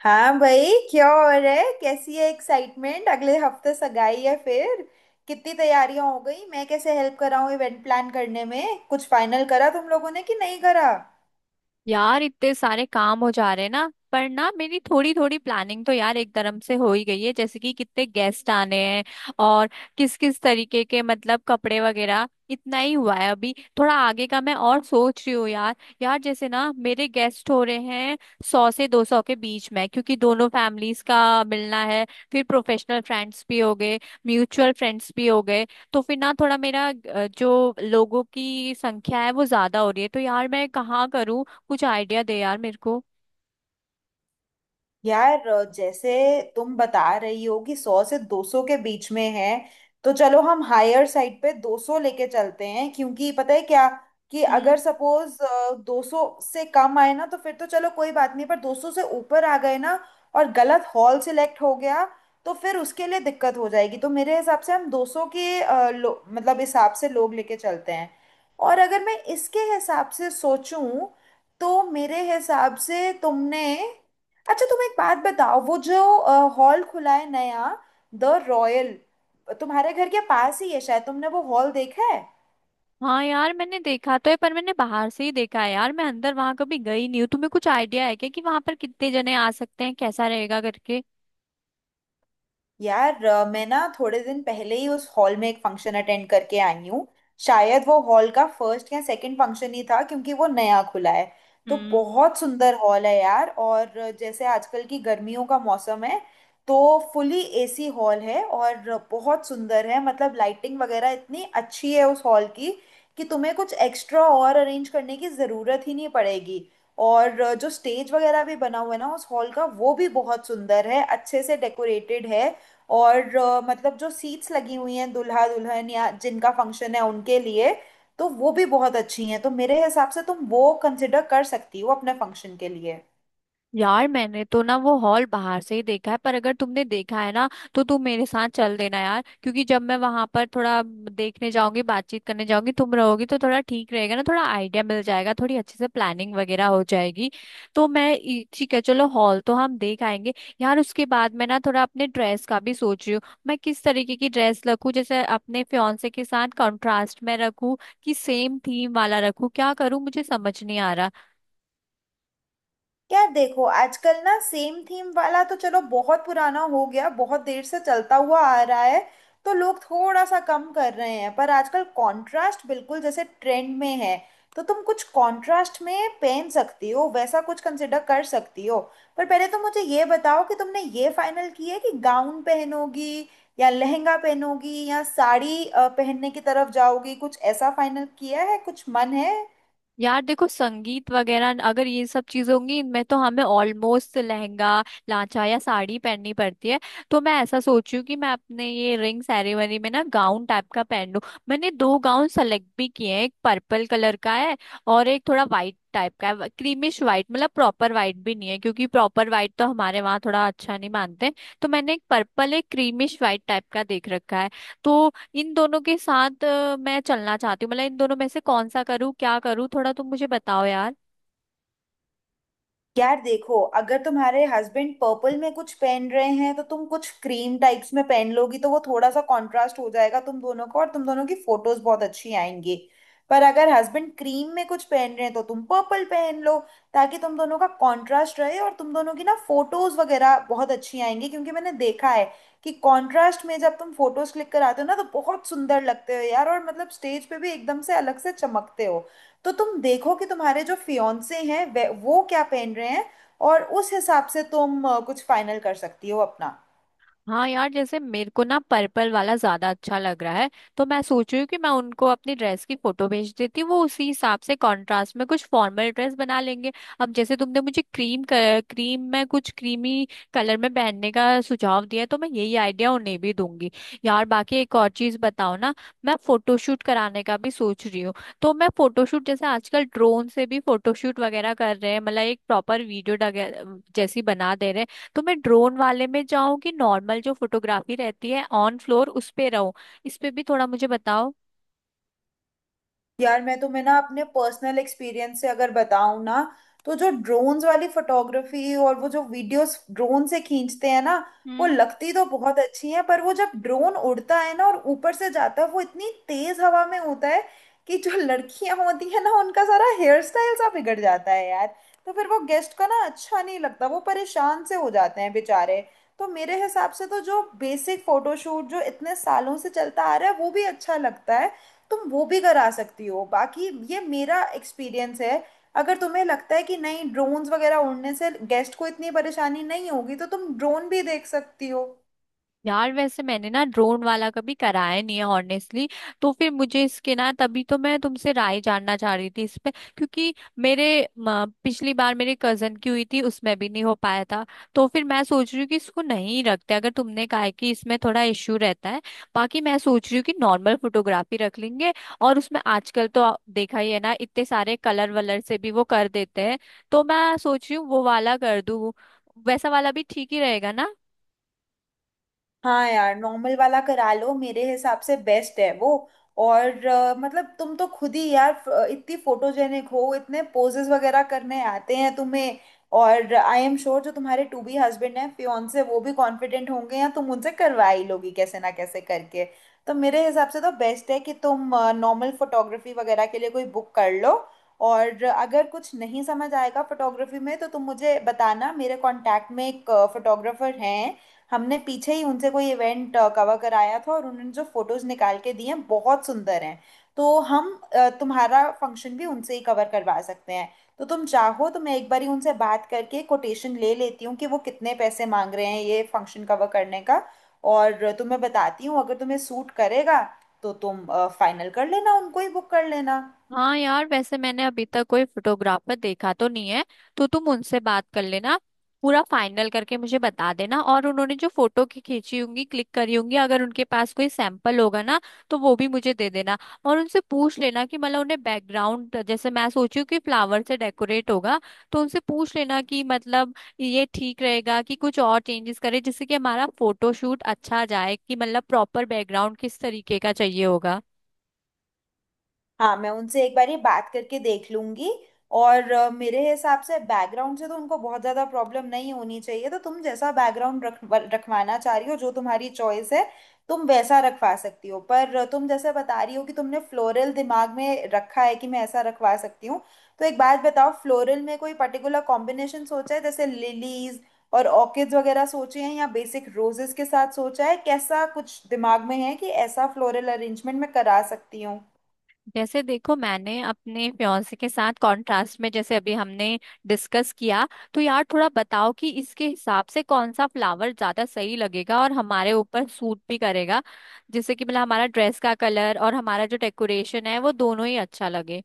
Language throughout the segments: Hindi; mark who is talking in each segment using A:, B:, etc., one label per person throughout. A: हाँ भाई, क्या हो रहा है। कैसी है एक्साइटमेंट? अगले हफ्ते सगाई है फिर। कितनी तैयारियां हो गई? मैं कैसे हेल्प कर रहा हूँ इवेंट प्लान करने में? कुछ फाइनल करा तुम लोगों ने कि नहीं करा?
B: यार इतने सारे काम हो जा रहे हैं ना, पर ना मेरी थोड़ी थोड़ी प्लानिंग तो यार एक धर्म से हो ही गई है। जैसे कि कितने गेस्ट आने हैं और किस किस तरीके के, मतलब कपड़े वगैरह, इतना ही हुआ है अभी। थोड़ा आगे का मैं और सोच रही हूँ यार। यार जैसे ना मेरे गेस्ट हो रहे हैं 100 से 200 के बीच में, क्योंकि दोनों फैमिलीज का मिलना है। फिर प्रोफेशनल फ्रेंड्स भी हो गए, म्यूचुअल फ्रेंड्स भी हो गए। तो फिर ना थोड़ा मेरा जो लोगों की संख्या है वो ज्यादा हो रही है, तो यार मैं कहाँ करूँ? कुछ आइडिया दे यार मेरे को।
A: यार जैसे तुम बता रही हो कि 100 से 200 के बीच में है। तो चलो हम हायर साइड पे 200 लेके चलते हैं, क्योंकि पता है क्या कि
B: हम्म।
A: अगर सपोज 200 से कम आए ना तो फिर तो चलो कोई बात नहीं, पर 200 से ऊपर आ गए ना और गलत हॉल सिलेक्ट हो गया तो फिर उसके लिए दिक्कत हो जाएगी। तो मेरे हिसाब से हम 200 के मतलब हिसाब से लोग लेके चलते हैं। और अगर मैं इसके हिसाब से सोचूं तो मेरे हिसाब से तुमने, अच्छा तुम एक बात बताओ, वो जो हॉल खुला है नया, द रॉयल, तुम्हारे घर के पास ही है शायद, तुमने वो हॉल देखा है?
B: हाँ यार, मैंने देखा तो है, पर मैंने बाहर से ही देखा है यार। मैं अंदर वहां कभी गई नहीं हूँ। तुम्हें कुछ आइडिया है क्या कि वहां पर कितने जने आ सकते हैं, कैसा रहेगा करके?
A: यार मैं ना थोड़े दिन पहले ही उस हॉल में एक फंक्शन अटेंड करके आई हूँ। शायद वो हॉल का फर्स्ट या सेकंड फंक्शन ही था, क्योंकि वो नया खुला है। तो बहुत सुंदर हॉल है यार। और जैसे आजकल की गर्मियों का मौसम है, तो फुली एसी हॉल है और बहुत सुंदर है। मतलब लाइटिंग वगैरह इतनी अच्छी है उस हॉल की कि तुम्हें कुछ एक्स्ट्रा और अरेंज करने की ज़रूरत ही नहीं पड़ेगी। और जो स्टेज वगैरह भी बना हुआ है ना उस हॉल का, वो भी बहुत सुंदर है, अच्छे से डेकोरेटेड है। और मतलब जो सीट्स लगी हुई हैं दूल्हा दुल्हन या जिनका फंक्शन है उनके लिए, तो वो भी बहुत अच्छी हैं। तो मेरे हिसाब से तुम वो कंसिडर कर सकती हो अपने फंक्शन के लिए।
B: यार मैंने तो ना वो हॉल बाहर से ही देखा है, पर अगर तुमने देखा है ना तो तुम मेरे साथ चल देना यार। क्योंकि जब मैं वहां पर थोड़ा देखने जाऊंगी, बातचीत करने जाऊंगी, तुम रहोगी तो थोड़ा ठीक रहेगा ना। थोड़ा आइडिया मिल जाएगा, थोड़ी अच्छे से प्लानिंग वगैरह हो जाएगी। तो मैं ठीक है, चलो हॉल तो हम देख आएंगे। यार उसके बाद मैं ना थोड़ा अपने ड्रेस का भी सोच रही हूँ। मैं किस तरीके की ड्रेस रखूँ? जैसे अपने फियांसे के साथ कॉन्ट्रास्ट में रखूँ कि सेम थीम वाला रखूँ? क्या करूँ, मुझे समझ नहीं आ रहा।
A: यार देखो, आजकल ना सेम थीम वाला तो चलो बहुत पुराना हो गया, बहुत देर से चलता हुआ आ रहा है। तो लोग थोड़ा सा कम कर रहे हैं, पर आजकल कंट्रास्ट बिल्कुल जैसे ट्रेंड में है। तो तुम कुछ कंट्रास्ट में पहन सकती हो, वैसा कुछ कंसिडर कर सकती हो। पर पहले तो मुझे ये बताओ कि तुमने ये फाइनल किया है कि गाउन पहनोगी या लहंगा पहनोगी या साड़ी पहनने की तरफ जाओगी? कुछ ऐसा फाइनल किया है, कुछ मन है?
B: यार देखो, संगीत वगैरह अगर ये सब चीजें होंगी इनमें तो हमें ऑलमोस्ट लहंगा लांचा या साड़ी पहननी पड़ती है। तो मैं ऐसा सोच रही हूँ कि मैं अपने ये रिंग सेरेमनी में ना गाउन टाइप का पहन लूँ। मैंने दो गाउन सेलेक्ट भी किए हैं। एक पर्पल कलर का है और एक थोड़ा वाइट टाइप का है, क्रीमिश वाइट। मतलब प्रॉपर वाइट भी नहीं है, क्योंकि प्रॉपर वाइट तो हमारे वहाँ थोड़ा अच्छा नहीं मानते। तो मैंने एक पर्पल, एक क्रीमिश वाइट टाइप का देख रखा है। तो इन दोनों के साथ मैं चलना चाहती हूँ। मतलब इन दोनों में से कौन सा करूँ, क्या करूँ, थोड़ा तुम मुझे बताओ।
A: यार देखो, अगर तुम्हारे हस्बैंड पर्पल में कुछ पहन रहे हैं तो तुम कुछ क्रीम टाइप्स में पहन लोगी, तो वो थोड़ा सा कंट्रास्ट हो जाएगा तुम दोनों को, और तुम दोनों की फोटोज बहुत अच्छी आएंगी। पर अगर हस्बैंड क्रीम में कुछ पहन रहे हैं तो तुम पर्पल पहन लो, ताकि तुम दोनों का कंट्रास्ट रहे और तुम दोनों की ना फोटोज वगैरह बहुत अच्छी आएंगी, क्योंकि मैंने देखा है कि कंट्रास्ट में जब तुम फोटोज क्लिक कराते हो ना तो बहुत सुंदर लगते हो यार। और मतलब स्टेज पे भी एकदम से अलग से चमकते हो। तो तुम देखो कि तुम्हारे जो फियोंसे हैं वो क्या पहन रहे हैं, और उस हिसाब से तुम कुछ फाइनल कर सकती हो अपना।
B: हाँ यार, जैसे मेरे को ना पर्पल वाला ज्यादा अच्छा लग रहा है। तो मैं सोच रही हूँ कि मैं उनको अपनी ड्रेस की फोटो भेज देती हूँ। वो उसी हिसाब से कंट्रास्ट में कुछ फॉर्मल ड्रेस बना लेंगे। अब जैसे तुमने मुझे क्रीम में कुछ क्रीमी कलर में पहनने का सुझाव दिया है, तो मैं यही आइडिया उन्हें भी दूंगी। यार बाकी एक और चीज बताओ ना। मैं फोटोशूट कराने का भी सोच रही हूँ। तो मैं फोटोशूट जैसे आजकल ड्रोन से भी फोटोशूट वगैरह कर रहे हैं, मतलब एक प्रॉपर वीडियो जैसी बना दे रहे हैं। तो मैं ड्रोन वाले में जाऊं कि नॉर्मल जो फोटोग्राफी रहती है ऑन फ्लोर, उस पे रहूं? इस पे भी थोड़ा मुझे बताओ।
A: यार मैं तुम्हें ना अपने पर्सनल एक्सपीरियंस से अगर बताऊं ना, तो जो ड्रोन्स वाली फोटोग्राफी और वो जो वीडियोस ड्रोन से खींचते हैं ना, वो लगती तो बहुत अच्छी है, पर वो जब ड्रोन उड़ता है ना और ऊपर से जाता है वो इतनी तेज हवा में होता है कि जो लड़कियां होती है ना उनका सारा हेयर स्टाइल सा बिगड़ जाता है यार। तो फिर वो गेस्ट का ना अच्छा नहीं लगता, वो परेशान से हो जाते हैं बेचारे। तो मेरे हिसाब से तो जो बेसिक फोटोशूट जो इतने सालों से चलता आ रहा है वो भी अच्छा लगता है। तुम वो भी करा सकती हो, बाकी ये मेरा एक्सपीरियंस है। अगर तुम्हें लगता है कि नहीं, ड्रोन्स वगैरह उड़ने से गेस्ट को इतनी परेशानी नहीं होगी, तो तुम ड्रोन भी देख सकती हो।
B: यार वैसे मैंने ना ड्रोन वाला कभी कराया नहीं है ऑनेस्टली। तो फिर मुझे इसके ना, तभी तो मैं तुमसे राय जानना चाह रही थी इस पे। क्योंकि मेरे पिछली बार मेरे कजन की हुई थी, उसमें भी नहीं हो पाया था। तो फिर मैं सोच रही हूँ कि इसको नहीं रखते, अगर तुमने कहा है कि इसमें थोड़ा इश्यू रहता है। बाकी मैं सोच रही हूँ कि नॉर्मल फोटोग्राफी रख लेंगे। और उसमें आजकल तो देखा ही है ना, इतने सारे कलर वलर से भी वो कर देते हैं। तो मैं सोच रही हूँ वो वाला कर दूँ। वैसा वाला भी ठीक ही रहेगा ना।
A: हाँ यार, नॉर्मल वाला करा लो, मेरे हिसाब से बेस्ट है वो। और मतलब तुम तो खुद ही यार इतनी फोटोजेनिक हो, इतने पोजेस वगैरह करने आते हैं तुम्हें। और आई एम श्योर जो तुम्हारे टू बी हस्बैंड हैं फियोन्से, वो भी कॉन्फिडेंट होंगे या तुम उनसे करवा ही लोगी कैसे ना कैसे करके। तो मेरे हिसाब से तो बेस्ट है कि तुम नॉर्मल फोटोग्राफी वगैरह के लिए कोई बुक कर लो। और अगर कुछ नहीं समझ आएगा फोटोग्राफी में तो तुम मुझे बताना, मेरे कांटेक्ट में एक फोटोग्राफर हैं। हमने पीछे ही उनसे कोई इवेंट कवर कराया था और उन्होंने जो फोटोज निकाल के दिए हैं बहुत सुंदर हैं। तो हम तुम्हारा फंक्शन भी उनसे ही कवर करवा सकते हैं। तो तुम चाहो तो मैं एक बारी उनसे बात करके कोटेशन ले लेती हूँ कि वो कितने पैसे मांग रहे हैं ये फंक्शन कवर करने का। और तुम्हें बताती हूँ, अगर तुम्हें सूट करेगा तो तुम फाइनल कर लेना, उनको ही बुक कर लेना।
B: हाँ यार, वैसे मैंने अभी तक कोई फोटोग्राफर देखा तो नहीं है। तो तुम उनसे बात कर लेना, पूरा फाइनल करके मुझे बता देना। और उन्होंने जो फोटो की खींची होंगी, क्लिक करी होंगी, अगर उनके पास कोई सैंपल होगा ना तो वो भी मुझे दे देना। और उनसे पूछ लेना कि मतलब उन्हें बैकग्राउंड, जैसे मैं सोची हूँ कि फ्लावर से डेकोरेट होगा, तो उनसे पूछ लेना कि मतलब ये ठीक रहेगा कि कुछ और चेंजेस करें, जिससे कि हमारा फोटोशूट अच्छा जाए। कि मतलब प्रॉपर बैकग्राउंड किस तरीके का चाहिए होगा।
A: हाँ, मैं उनसे एक बार ये बात करके देख लूंगी। और मेरे हिसाब से बैकग्राउंड से तो उनको बहुत ज़्यादा प्रॉब्लम नहीं होनी चाहिए, तो तुम जैसा बैकग्राउंड रख रखवाना चाह रही हो, जो तुम्हारी चॉइस है, तुम वैसा रखवा सकती हो। पर तुम जैसे बता रही हो कि तुमने फ्लोरल दिमाग में रखा है कि मैं ऐसा रखवा सकती हूँ, तो एक बात बताओ, फ्लोरल में कोई पर्टिकुलर कॉम्बिनेशन सोचा है, जैसे लिलीज और ऑर्किड्स वगैरह सोचे हैं या बेसिक रोजेस के साथ सोचा है? कैसा कुछ दिमाग में है कि ऐसा फ्लोरल अरेंजमेंट मैं करा सकती हूँ?
B: जैसे देखो, मैंने अपने फ्योंसे के साथ कॉन्ट्रास्ट में जैसे अभी हमने डिस्कस किया, तो यार थोड़ा बताओ कि इसके हिसाब से कौन सा फ्लावर ज्यादा सही लगेगा और हमारे ऊपर सूट भी करेगा। जिससे कि मतलब हमारा ड्रेस का कलर और हमारा जो डेकोरेशन है, वो दोनों ही अच्छा लगे।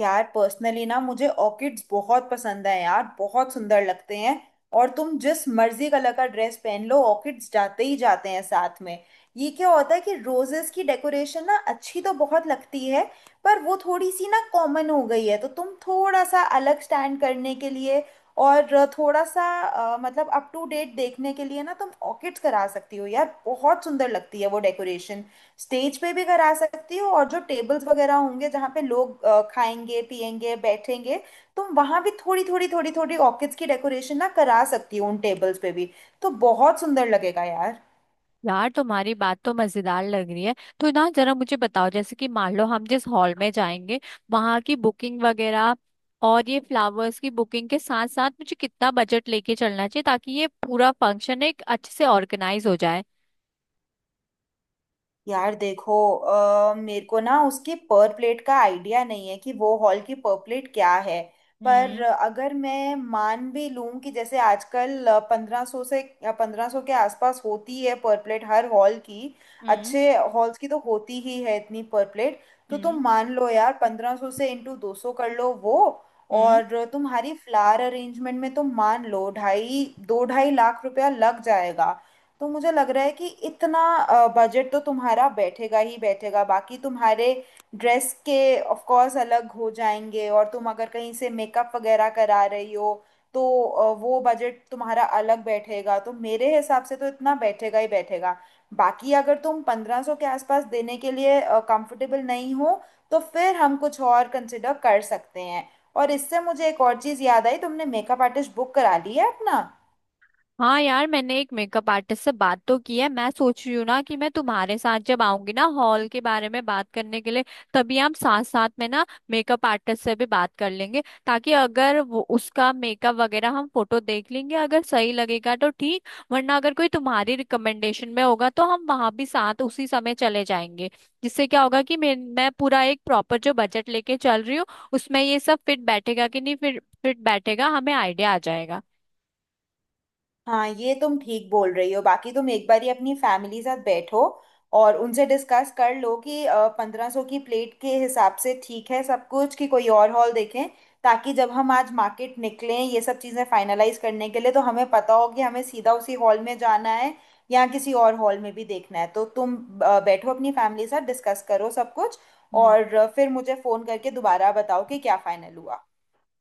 A: यार पर्सनली ना मुझे ऑर्किड्स बहुत पसंद है यार, बहुत सुंदर लगते हैं। और तुम जिस मर्जी कलर का ड्रेस पहन लो, ऑर्किड्स जाते ही जाते हैं साथ में। ये क्या होता है कि रोजेस की डेकोरेशन ना अच्छी तो बहुत लगती है, पर वो थोड़ी सी ना कॉमन हो गई है। तो तुम थोड़ा सा अलग स्टैंड करने के लिए और थोड़ा सा मतलब अप टू डेट देखने के लिए ना तुम ऑर्किड्स करा सकती हो यार, बहुत सुंदर लगती है वो डेकोरेशन। स्टेज पे भी करा सकती हो, और जो टेबल्स वगैरह होंगे जहाँ पे लोग खाएंगे पिएंगे बैठेंगे, तुम वहां भी थोड़ी थोड़ी थोड़ी थोड़ी ऑर्किड्स की डेकोरेशन ना करा सकती हो उन टेबल्स पे भी। तो बहुत सुंदर लगेगा यार।
B: यार तुम्हारी बात तो मजेदार लग रही है। तो ना जरा मुझे बताओ, जैसे कि मान लो हम जिस हॉल में जाएंगे वहां की बुकिंग वगैरह और ये फ्लावर्स की बुकिंग के साथ साथ मुझे कितना बजट लेके चलना चाहिए, ताकि ये पूरा फंक्शन एक अच्छे से ऑर्गेनाइज हो जाए।
A: यार देखो मेरे को ना उसके पर प्लेट का आइडिया नहीं है कि वो हॉल की पर प्लेट क्या है। पर
B: हम्म।
A: अगर मैं मान भी लूं कि जैसे आजकल 1500 के आसपास होती है पर प्लेट हर हॉल की।
B: हम्म।
A: अच्छे हॉल्स की तो होती ही है इतनी पर प्लेट। तो
B: हम्म।
A: तुम मान लो यार 1500 से इंटू 200 कर लो वो।
B: हम्म।
A: और तुम्हारी फ्लावर अरेंजमेंट में तुम मान लो ढाई 2-2.5 लाख रुपया लग जाएगा। तो मुझे लग रहा है कि इतना बजट तो तुम्हारा बैठेगा ही बैठेगा। बाकी तुम्हारे ड्रेस के ऑफ कोर्स अलग हो जाएंगे, और तुम अगर कहीं से मेकअप वगैरह करा रही हो तो वो बजट तुम्हारा अलग बैठेगा। तो मेरे हिसाब से तो इतना बैठेगा ही बैठेगा। बाकी अगर तुम 1500 के आसपास देने के लिए कंफर्टेबल नहीं हो तो फिर हम कुछ और कंसिडर कर सकते हैं। और इससे मुझे एक और चीज़ याद आई, तुमने मेकअप आर्टिस्ट बुक करा ली है अपना?
B: हाँ यार, मैंने एक मेकअप आर्टिस्ट से बात तो की है। मैं सोच रही हूँ ना कि मैं तुम्हारे साथ जब आऊंगी ना हॉल के बारे में बात करने के लिए, तभी हम साथ साथ में ना मेकअप आर्टिस्ट से भी बात कर लेंगे। ताकि अगर वो उसका मेकअप वगैरह हम फोटो देख लेंगे, अगर सही लगेगा तो ठीक, वरना अगर कोई तुम्हारी रिकमेंडेशन में होगा तो हम वहां भी साथ उसी समय चले जाएंगे। जिससे क्या होगा कि मैं पूरा एक प्रॉपर जो बजट लेके चल रही हूँ, उसमें ये सब फिट बैठेगा कि नहीं, फिर फिट बैठेगा, हमें आइडिया आ जाएगा।
A: हाँ, ये तुम ठीक बोल रही हो। बाकी तुम एक बार ही अपनी फैमिली साथ बैठो और उनसे डिस्कस कर लो कि 1500 की प्लेट के हिसाब से ठीक है सब कुछ कि कोई और हॉल देखें, ताकि जब हम आज मार्केट निकलें ये सब चीज़ें फाइनलाइज करने के लिए तो हमें पता हो कि हमें सीधा उसी हॉल में जाना है या किसी और हॉल में भी देखना है। तो तुम बैठो अपनी फैमिली साथ डिस्कस करो सब कुछ, और फिर मुझे फ़ोन करके दोबारा बताओ कि क्या फाइनल हुआ।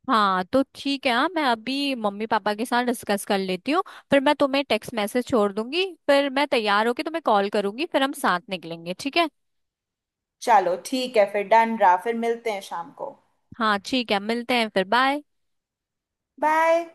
B: हाँ तो ठीक है। हाँ मैं अभी मम्मी पापा के साथ डिस्कस कर लेती हूँ। फिर मैं तुम्हें टेक्स्ट मैसेज छोड़ दूंगी, फिर मैं तैयार होके तुम्हें कॉल करूंगी, फिर हम साथ निकलेंगे, ठीक है।
A: चलो ठीक है, फिर डन रहा, फिर मिलते हैं शाम को।
B: हाँ ठीक है, मिलते हैं फिर, बाय।
A: बाय।